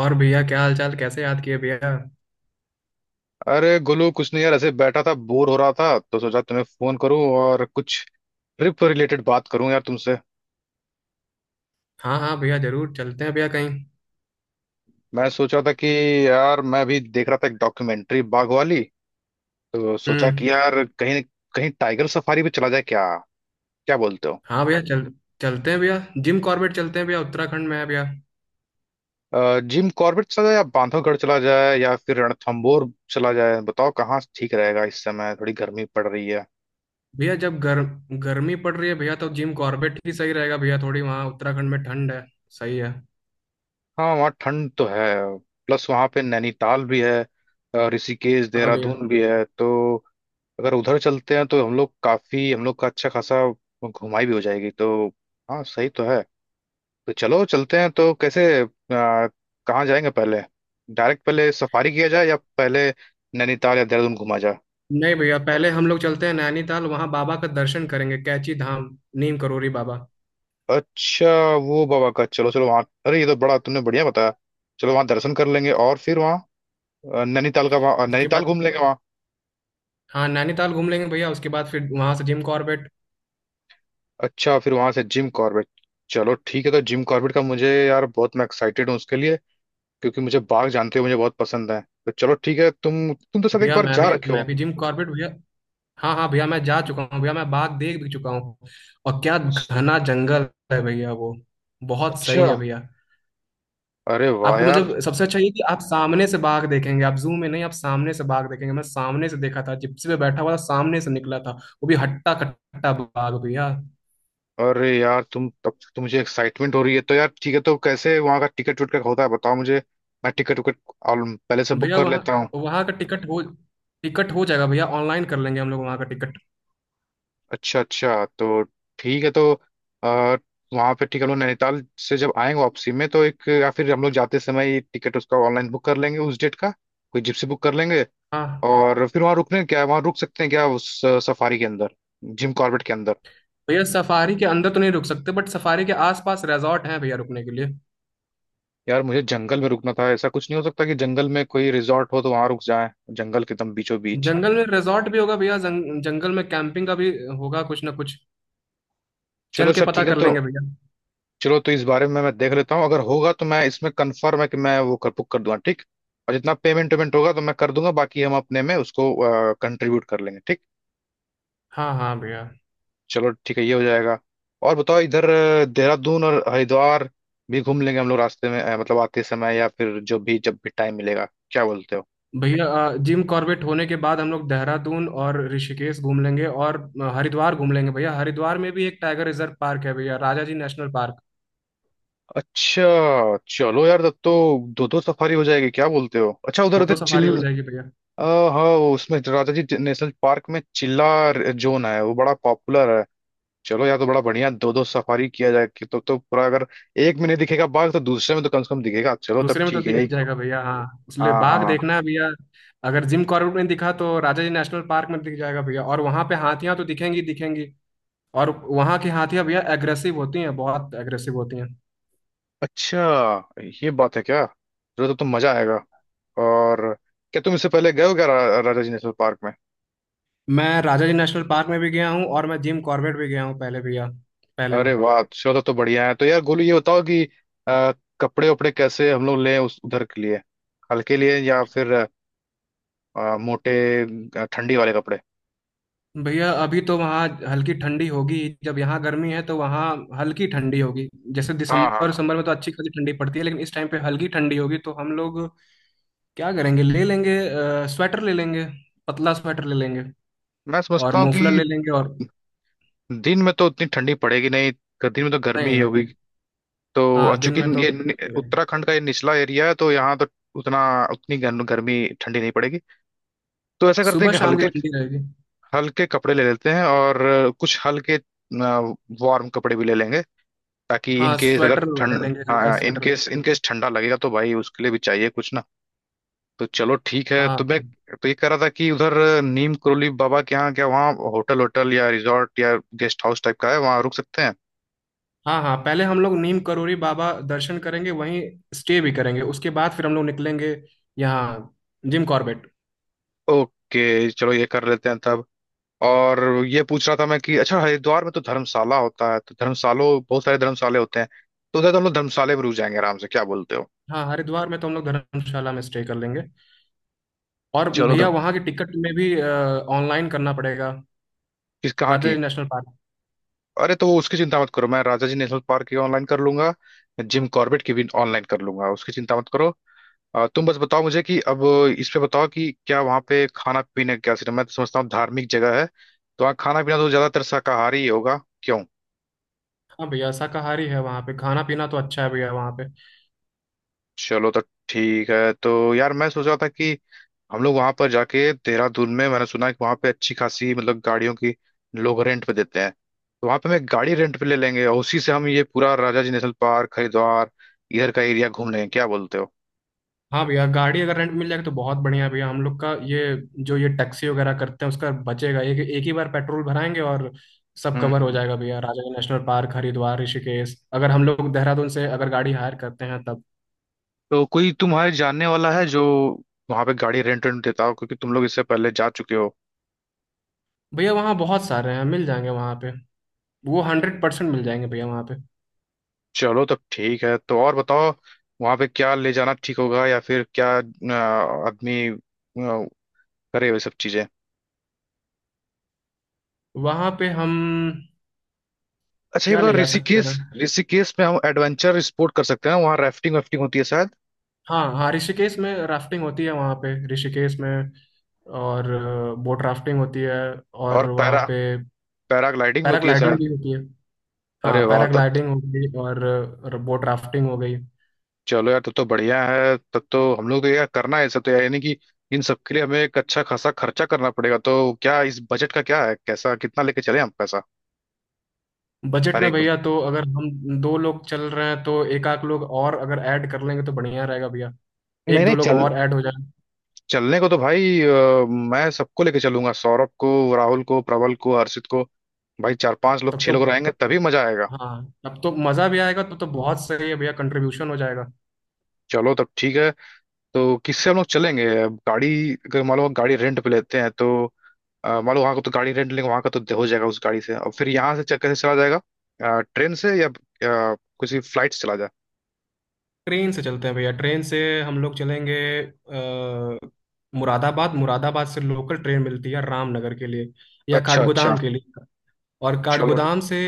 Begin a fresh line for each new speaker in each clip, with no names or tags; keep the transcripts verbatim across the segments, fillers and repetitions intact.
और भैया, क्या हाल चाल? कैसे याद किए भैया?
अरे गोलू कुछ नहीं यार, ऐसे बैठा था, बोर हो रहा था, तो सोचा तुम्हें फोन करूं और कुछ ट्रिप रिलेटेड बात करूं यार तुमसे।
हाँ हाँ भैया, जरूर चलते हैं भैया कहीं।
मैं सोच रहा था कि यार, मैं भी देख रहा था एक डॉक्यूमेंट्री बाघ वाली। तो सोचा कि
हम्म।
यार कहीं कहीं टाइगर सफारी पे चला जाए क्या। क्या बोलते हो।
हाँ भैया, चल चलते हैं भैया। जिम कॉर्बेट चलते हैं भैया। उत्तराखंड में है भैया।
अ, जिम कॉर्बेट चला जाए या बांधवगढ़ चला जाए या फिर रणथंबोर चला जाए। बताओ कहाँ ठीक रहेगा, इस समय थोड़ी गर्मी पड़ रही है।
भैया जब गर, गर्मी पड़ रही है भैया, तो जिम कॉर्बेट ही सही रहेगा भैया। थोड़ी वहाँ उत्तराखंड में ठंड है। सही है।
हाँ, वहाँ ठंड तो है। प्लस वहाँ पे नैनीताल भी है। अ, ऋषिकेश
हाँ भैया।
देहरादून भी है, तो अगर उधर चलते हैं तो हम लोग काफी हम लोग का अच्छा खासा घुमाई भी हो जाएगी तो। हाँ, सही तो है। तो चलो चलते हैं। तो कैसे, अ, कहाँ जाएंगे पहले। डायरेक्ट पहले सफारी किया जाए या पहले नैनीताल या देहरादून घुमा जाए।
नहीं भैया, पहले हम लोग चलते हैं नैनीताल, वहाँ बाबा का दर्शन करेंगे, कैची धाम, नीम करोरी बाबा।
अच्छा, वो बाबा का, चलो चलो वहाँ, अरे ये तो बड़ा तुमने बढ़िया बताया। चलो वहाँ दर्शन कर लेंगे और फिर वहाँ अ, नैनीताल का वहाँ अ,
उसके
नैनीताल
बाद
घूम लेंगे।
हाँ नैनीताल घूम लेंगे भैया, उसके बाद फिर वहाँ से जिम कॉर्बेट।
अच्छा, फिर वहां से जिम कॉर्बेट। चलो ठीक है। तो जिम कॉर्बेट का मुझे यार बहुत, मैं एक्साइटेड हूँ उसके लिए, क्योंकि मुझे बाघ, जानते हो, मुझे बहुत पसंद है। तो चलो ठीक है, तुम तुम तो शायद एक
भैया
बार
मैं
जा
भी
रखे हो।
मैं भी जिम कॉर्बेट भैया। हाँ हाँ भैया, मैं जा चुका हूँ भैया, मैं बाघ देख भी चुका हूँ। और क्या घना जंगल है भैया वो, बहुत सही
अच्छा।
है भैया।
अरे वाह
आपको
यार।
मतलब सबसे अच्छा ये कि आप सामने से बाघ देखेंगे, आप जू में नहीं, आप सामने से बाघ देखेंगे। मैं सामने से देखा था, जिप्सी पे बैठा हुआ था, सामने से निकला था, वो भी हट्टा कट्टा बाघ भैया।
अरे यार, तुम, तब तो मुझे एक्साइटमेंट हो रही है तो यार। ठीक है, तो कैसे वहां का टिकट विकट का होता है, बताओ मुझे। मैं टिकट विकट पहले से बुक
भैया
कर
वहाँ
लेता हूँ।
वहाँ का टिकट हो टिकट हो जाएगा भैया, ऑनलाइन कर लेंगे हम लोग वहाँ का टिकट।
अच्छा अच्छा। तो ठीक है तो, आ, वहाँ पे ठीक है, हम लोग नैनीताल से जब आएंगे वापसी में तो एक, या फिर हम लोग जाते समय ही टिकट उसका ऑनलाइन बुक कर लेंगे उस डेट का। कोई जिप्सी बुक कर लेंगे।
हाँ
और फिर वहाँ रुकने क्या है, वहाँ रुक सकते हैं क्या उस सफारी के अंदर, जिम कॉर्बेट के अंदर।
भैया, सफारी के अंदर तो नहीं रुक सकते, बट सफारी के आसपास रिजॉर्ट हैं भैया रुकने के लिए।
यार, मुझे जंगल में रुकना था। ऐसा कुछ नहीं हो सकता कि जंगल में कोई रिजॉर्ट हो तो वहाँ रुक जाए, जंगल के एकदम बीचों बीच।
जंगल में रिजॉर्ट भी होगा भैया, जंग, जंगल में कैंपिंग का भी होगा, कुछ ना कुछ।
चलो
चल के
अच्छा,
पता
ठीक है
कर
तो।
लेंगे भैया।
चलो तो इस बारे में मैं देख लेता हूँ। अगर होगा तो मैं, इसमें कंफर्म है कि मैं वो कर बुक कर दूंगा, ठीक। और जितना पेमेंट वेमेंट होगा तो मैं कर दूंगा, बाकी हम अपने में उसको कंट्रीब्यूट कर लेंगे, ठीक।
हाँ हाँ भैया।
चलो ठीक है, ये हो जाएगा। और बताओ, इधर अ, देहरादून और हरिद्वार भी घूम लेंगे हम लोग रास्ते में, अ, मतलब आते समय या फिर जो भी, जब भी टाइम मिलेगा। क्या बोलते हो।
भैया अ, जिम कॉर्बेट होने के बाद हम लोग देहरादून और ऋषिकेश घूम लेंगे, और अ, हरिद्वार घूम लेंगे भैया। हरिद्वार में भी एक टाइगर रिजर्व पार्क है भैया, राजा जी नेशनल पार्क।
अच्छा, चलो यार, तब तो दो दो सफारी हो जाएगी, क्या बोलते हो। अच्छा, उधर
दो
उधर
दो सफारी हो
चिल।
जाएगी भैया।
आ, हाँ, उसमें राजाजी नेशनल पार्क में चिल्ला जोन है, वो बड़ा पॉपुलर है। चलो यार, तो बड़ा बढ़िया, दो दो सफारी किया जाए। कि तो तो पूरा, अगर एक में नहीं दिखेगा बाघ तो दूसरे में तो कम से कम दिखेगा। चलो तब
दूसरे में तो
ठीक है,
दिख
यही।
जाएगा भैया। हाँ उसलिए
हाँ
बाघ
हाँ।
देखना है भैया। अगर जिम कॉर्बेट में दिखा, तो राजा जी नेशनल पार्क में दिख जाएगा भैया। और वहां पे हाथियां तो दिखेंगी दिखेंगी, और वहां की हाथियां भैया एग्रेसिव होती हैं, बहुत एग्रेसिव होती हैं।
अच्छा, ये बात है क्या, चलो तब तो मजा आएगा। और क्या तुम इससे पहले गए हो क्या रा, राजा जी नेशनल पार्क में।
मैं राजा जी नेशनल पार्क में भी गया हूँ, और मैं जिम कॉर्बेट भी गया हूँ पहले भैया, पहले में।
अरे वाह, चलो तब तो बढ़िया है। तो यार गोलू, ये बताओ कि अ, कपड़े उपड़े कैसे हम लोग लें उस उधर के लिए। हल्के लिए या फिर अ, मोटे, अ, ठंडी वाले कपड़े।
भैया अभी तो वहाँ हल्की ठंडी होगी। जब यहाँ गर्मी है तो वहाँ हल्की ठंडी होगी। जैसे
हाँ हाँ
दिसंबर
हाँ।
दिसंबर में तो अच्छी खासी ठंडी पड़ती है, लेकिन इस टाइम पे हल्की ठंडी होगी। तो हम लोग क्या करेंगे, ले लेंगे अ, स्वेटर ले लेंगे, पतला स्वेटर ले लेंगे,
मैं
और
समझता हूँ
मोफलर
कि
ले लेंगे, और
दिन में तो उतनी ठंडी पड़ेगी नहीं, ग- दिन में तो गर्मी
नहीं
ही होगी
नहीं,
तो। और
हाँ दिन
चूंकि
में तो
ये नि-
ठंडी रहेगी,
उत्तराखंड का ये निचला एरिया है, तो यहाँ तो उतना उतनी गर्म- गर्मी ठंडी नहीं पड़ेगी। तो ऐसा करते हैं
सुबह
कि
शाम की
हल्के
ठंडी रहेगी।
हल्के कपड़े ले लेते हैं, और कुछ हल्के वार्म कपड़े भी ले लेंगे, ताकि इन
हाँ
केस अगर
स्वेटर ले
ठंड,
लेंगे, हल्का
हाँ, in
sweater.
Case in case ठंडा लगेगा तो भाई उसके लिए भी चाहिए कुछ ना। तो चलो ठीक है।
हाँ
तो मैं तो ये कह रहा था कि उधर नीम करोली बाबा के यहाँ क्या वहाँ होटल, होटल या रिजॉर्ट या गेस्ट हाउस टाइप का है, वहाँ रुक सकते हैं।
हाँ हाँ, पहले हम लोग नीम करोरी बाबा दर्शन करेंगे, वहीं स्टे भी करेंगे, उसके बाद फिर हम लोग निकलेंगे यहाँ जिम कॉर्बेट।
ओके, चलो ये कर लेते हैं तब। और ये पूछ रहा था मैं कि अच्छा हरिद्वार में तो धर्मशाला होता है, तो धर्मशालों बहुत सारे धर्मशाले होते हैं, तो उधर तो हम लोग धर्मशाले में रुक जाएंगे आराम से, क्या बोलते हो।
हाँ हरिद्वार में तो हम लोग धर्मशाला में स्टे कर लेंगे। और
चलो तो,
भैया वहाँ की टिकट में भी ऑनलाइन करना पड़ेगा,
किस कहाँ
राजा
की।
Ji national park.
अरे तो वो, उसकी चिंता मत करो, मैं राजा जी नेशनल पार्क की ऑनलाइन कर लूंगा, जिम कॉर्बेट की भी ऑनलाइन कर लूंगा, उसकी चिंता मत करो। अ, तुम बस बताओ मुझे कि अब इस पे बताओ कि क्या वहाँ पे खाना पीने का क्या सिस्टम। मैं तो समझता हूँ धार्मिक जगह है तो वहाँ खाना पीना तो ज्यादातर शाकाहारी ही होगा, क्यों।
हाँ भैया शाकाहारी है वहाँ पे, खाना पीना तो अच्छा है भैया वहाँ पे।
चलो तो ठीक है। तो यार मैं सोच रहा था कि हम लोग वहां पर जाके, देहरादून में मैंने सुना है कि वहां पे अच्छी खासी, मतलब गाड़ियों की लोग रेंट पे देते हैं, तो वहां पे हम एक गाड़ी रेंट पे ले लेंगे और उसी से हम ये पूरा राजाजी नेशनल पार्क, हरिद्वार, इधर का एरिया घूम लेंगे, क्या बोलते हो।
हाँ भैया, गाड़ी अगर रेंट मिल जाएगी तो बहुत बढ़िया है भैया हम लोग का ये। जो ये टैक्सी वगैरह करते हैं, उसका बचेगा, एक एक ही बार पेट्रोल भराएंगे, और सब कवर हो
हम्म।
जाएगा भैया, राजाजी नेशनल पार्क, हरिद्वार, ऋषिकेश, अगर हम लोग देहरादून से अगर गाड़ी हायर करते हैं तब।
तो कोई तुम्हारे जानने वाला है जो वहां पे गाड़ी रेंट रेंट देता हो, क्योंकि तुम लोग इससे पहले जा चुके हो।
भैया वहाँ बहुत सारे हैं, मिल जाएंगे वहाँ पे। वो हंड्रेड परसेंट मिल जाएंगे भैया वहाँ पे।
चलो तब ठीक है। तो और बताओ, वहां पे क्या ले जाना ठीक होगा या फिर क्या अ, आदमी अ, करे वे सब चीजें।
वहाँ पे हम
अच्छा, ये
क्या
बताओ
ले जा सकते
ऋषिकेश
हैं?
ऋषिकेश में हम एडवेंचर स्पोर्ट कर सकते हैं, वहाँ राफ्टिंग वाफ्टिंग होती है शायद।
हाँ हाँ, ऋषिकेश में राफ्टिंग होती है वहाँ पे, ऋषिकेश में, और बोट राफ्टिंग होती है।
और
और वहाँ
पैरा
पे
पैराग्लाइडिंग भी होती है
पैराग्लाइडिंग
शायद।
भी होती है।
अरे
हाँ
वाह, तब
पैराग्लाइडिंग हो गई, और बोट राफ्टिंग हो गई।
चलो यार, तब तो बढ़िया है, तब तो हम लोग तो यार करना है ये सब तो यार, यानी कि इन सब के लिए हमें एक अच्छा खासा खर्चा करना पड़ेगा। तो क्या इस बजट का क्या है, कैसा, कितना लेके चले हम पैसा।
बजट
हर
में
एक,
भैया, तो अगर हम दो लोग चल रहे हैं, तो एक आध लोग और अगर ऐड कर लेंगे तो बढ़िया रहेगा भैया।
नहीं
एक दो
नहीं।
लोग
चल
और ऐड हो जाए
चलने को तो भाई, अ, मैं सबको लेके चलूंगा, सौरभ को, राहुल को, प्रबल को, हर्षित को। भाई चार पांच लोग,
तब
छह
तो।
लोग रहेंगे, तभी मजा आएगा।
हाँ तब तो मज़ा भी आएगा, तब तो बहुत सही है भैया, कंट्रीब्यूशन हो जाएगा।
चलो तब ठीक है। तो किससे हम लोग चलेंगे अब, गाड़ी, अगर मान लो हम गाड़ी रेंट पे लेते हैं तो, अ, मान लो वहाँ का तो गाड़ी रेंट लेंगे, वहाँ का तो हो जाएगा उस गाड़ी से, और फिर यहाँ से च- कैसे चला जाएगा, ट्रेन से या अ, किसी फ्लाइट से चला जाए।
ट्रेन से चलते हैं भैया, ट्रेन से हम लोग चलेंगे। अ, मुरादाबाद मुरादाबाद से लोकल ट्रेन मिलती है रामनगर के लिए, या
अच्छा अच्छा,
काठगोदाम के लिए। और
चलो
काठगोदाम से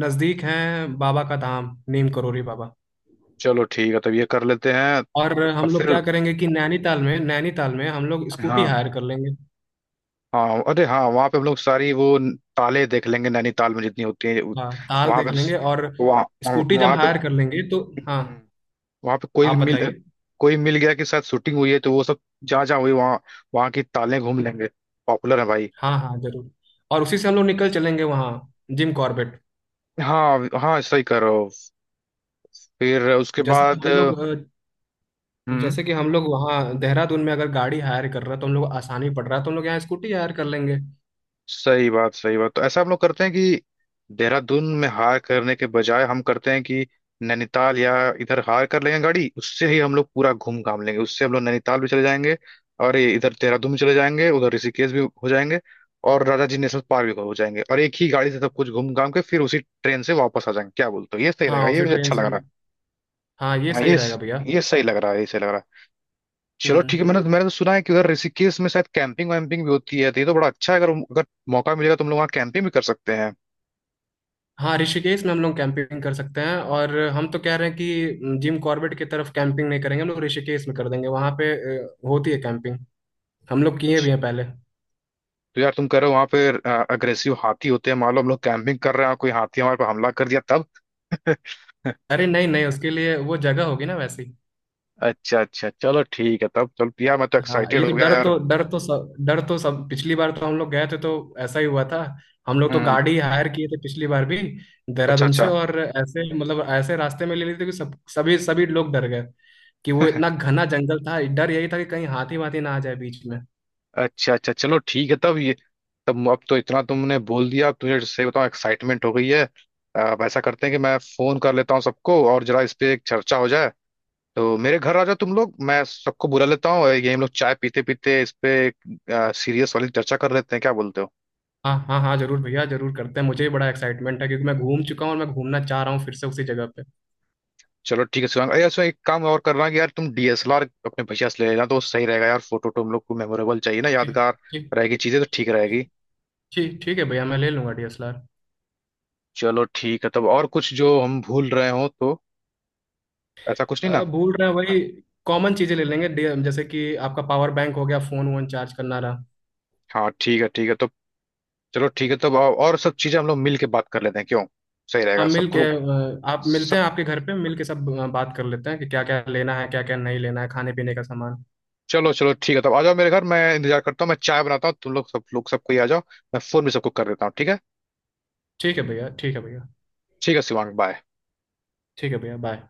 नज़दीक है बाबा का धाम, नीम करोली बाबा।
चलो ठीक है, तब ये कर लेते हैं। अब
और हम लोग
फिर,
क्या करेंगे कि नैनीताल में नैनीताल में हम लोग स्कूटी
हाँ
हायर कर लेंगे।
हाँ, अरे हाँ, वहाँ पे हम लोग सारी वो न- ताले देख लेंगे नैनीताल में, जितनी होती है
हाँ ताल
वहाँ पे,
देख लेंगे, और
वहाँ,
स्कूटी जब
वहाँ पे।
हायर कर लेंगे तो। हाँ
वहां पे कोई
आप
मिल
बताइए।
कोई मिल गया के साथ शूटिंग हुई है तो वो सब जहाँ जहाँ हुई, वहाँ वहाँ की तालें घूम लेंगे, पॉपुलर है भाई।
हाँ हाँ जरूर। और उसी से हम लोग निकल चलेंगे वहाँ जिम कॉर्बेट।
हाँ हाँ, सही कर रहे हो। फिर उसके
जैसे कि
बाद
हम
अ,
लोग अ,
हम्म
जैसे कि हम लोग वहाँ देहरादून में अगर गाड़ी हायर कर रहा है तो हम लोग को आसानी पड़ रहा है, तो हम लोग यहाँ स्कूटी हायर कर लेंगे।
सही बात, सही बात। तो ऐसा हम लोग करते हैं कि देहरादून में हायर करने के बजाय हम करते हैं कि नैनीताल या इधर हायर कर लेंगे गाड़ी, उससे ही हम लोग पूरा घूम घाम लेंगे। उससे हम लोग नैनीताल भी चले जाएंगे और ये इधर देहरादून भी चले जाएंगे, उधर ऋषिकेश भी हो जाएंगे और राजा जी नेशनल पार्क भी हो जाएंगे, और एक ही गाड़ी से सब कुछ घूम घाम के फिर उसी ट्रेन से वापस आ जाएंगे। क्या बोलते हो, ये सही
हाँ
रहेगा, ये
उसी
मुझे
ट्रेन
अच्छा लग
से
रहा है।
हम- हाँ ये
हाँ
सही
ये
रहेगा भैया।
ये सही लग रहा है, ये सही लग रहा है। चलो ठीक है।
हम्म।
मैंने तो, मैंने तो सुना है कि उधर ऋषिकेश में शायद कैंपिंग वैम्पिंग भी होती है, तो ये तो बड़ा अच्छा है। अगर अगर मौका मिलेगा, तुम लोग वहाँ कैंपिंग भी कर सकते हैं।
हाँ ऋषिकेश में हम लोग कैंपिंग कर सकते हैं, और हम तो कह रहे हैं कि जिम कॉर्बेट की तरफ कैंपिंग नहीं करेंगे, हम लोग ऋषिकेश में कर देंगे वहां पे। अ, होती है कैंपिंग, हम लोग किए भी हैं पहले।
तो यार, तुम कह रहे हो वहाँ पे अग्रेसिव हाथी होते हैं, मान लो हम लोग कैंपिंग कर रहे हैं और कोई हाथी हमारे पर हमला कर दिया तब।
अरे नहीं नहीं, उसके लिए वो जगह होगी ना वैसी।
अच्छा अच्छा, चलो ठीक है तब। चलो यार, मैं तो
हाँ
एक्साइटेड
ये तो
हो गया
डर
यार।
तो डर तो सब डर तो सब, पिछली बार तो हम लोग गए थे तो ऐसा ही हुआ था। हम लोग तो
हम्म।
गाड़ी हायर किए थे पिछली बार भी
अच्छा
देहरादून से,
अच्छा
और ऐसे मतलब ऐसे रास्ते में ले लिए थे कि सब सभी सभी लोग डर गए। कि वो इतना घना जंगल था, डर यही था कि कहीं हाथी वाथी ना आ जाए बीच में।
अच्छा अच्छा, चलो ठीक है तब ये तब अब तो इतना तुमने बोल दिया, अब तुझे सही बताऊं, एक्साइटमेंट हो गई है। अब ऐसा करते हैं कि मैं फोन कर लेता हूँ सबको और जरा इस पे एक चर्चा हो जाए। तो मेरे घर आ जाओ तुम लोग, मैं सबको बुला लेता हूँ और ये हम लोग चाय पीते पीते इस पे सीरियस वाली चर्चा कर लेते हैं, क्या बोलते हो।
हाँ हाँ हाँ जरूर भैया, जरूर करते हैं। मुझे भी बड़ा एक्साइटमेंट है, क्योंकि मैं घूम चुका हूँ, और मैं घूमना चाह रहा हूँ फिर से उसी जगह पे।
चलो ठीक है शिवांग। अरे इसमें एक काम और करना, कि यार तुम डी एस एल आर अपने भैया से ले लेना तो सही रहेगा यार, फोटो तो हम लोग को मेमोरेबल चाहिए ना,
ठीक
यादगार
ठीक।
रहेगी चीजें तो, ठीक रहेगी।
ठीक ठीक है भैया, मैं ले लूंगा डी एस एल आर।
चलो ठीक है तब, और कुछ जो हम भूल रहे हो तो, ऐसा कुछ नहीं ना।
भूल रहे हैं वही कॉमन चीजें, ले लेंगे डी- जैसे कि आपका पावर बैंक हो गया, फोन वोन चार्ज करना रहा।
हाँ ठीक है, ठीक है तो। चलो ठीक है तब, और सब चीजें हम लोग मिल के बात कर लेते हैं, क्यों, सही
हाँ
रहेगा
मिल
सबको
के,
लोग
अ, आप मिलते
सब।
हैं, आपके घर पे मिल के सब अ, बात कर लेते हैं कि क्या क्या लेना है, क्या क्या नहीं लेना है, खाने पीने का सामान।
चलो चलो ठीक है तब, आ जाओ मेरे घर, मैं इंतजार करता हूँ, मैं चाय बनाता हूँ। तुम लोग सब, लोग सब कोई आ जाओ, मैं फोन भी सबको कर देता हूँ, ठीक है।
ठीक है भैया, ठीक है भैया।
ठीक है शिवांग, बाय।
ठीक है भैया, बाय।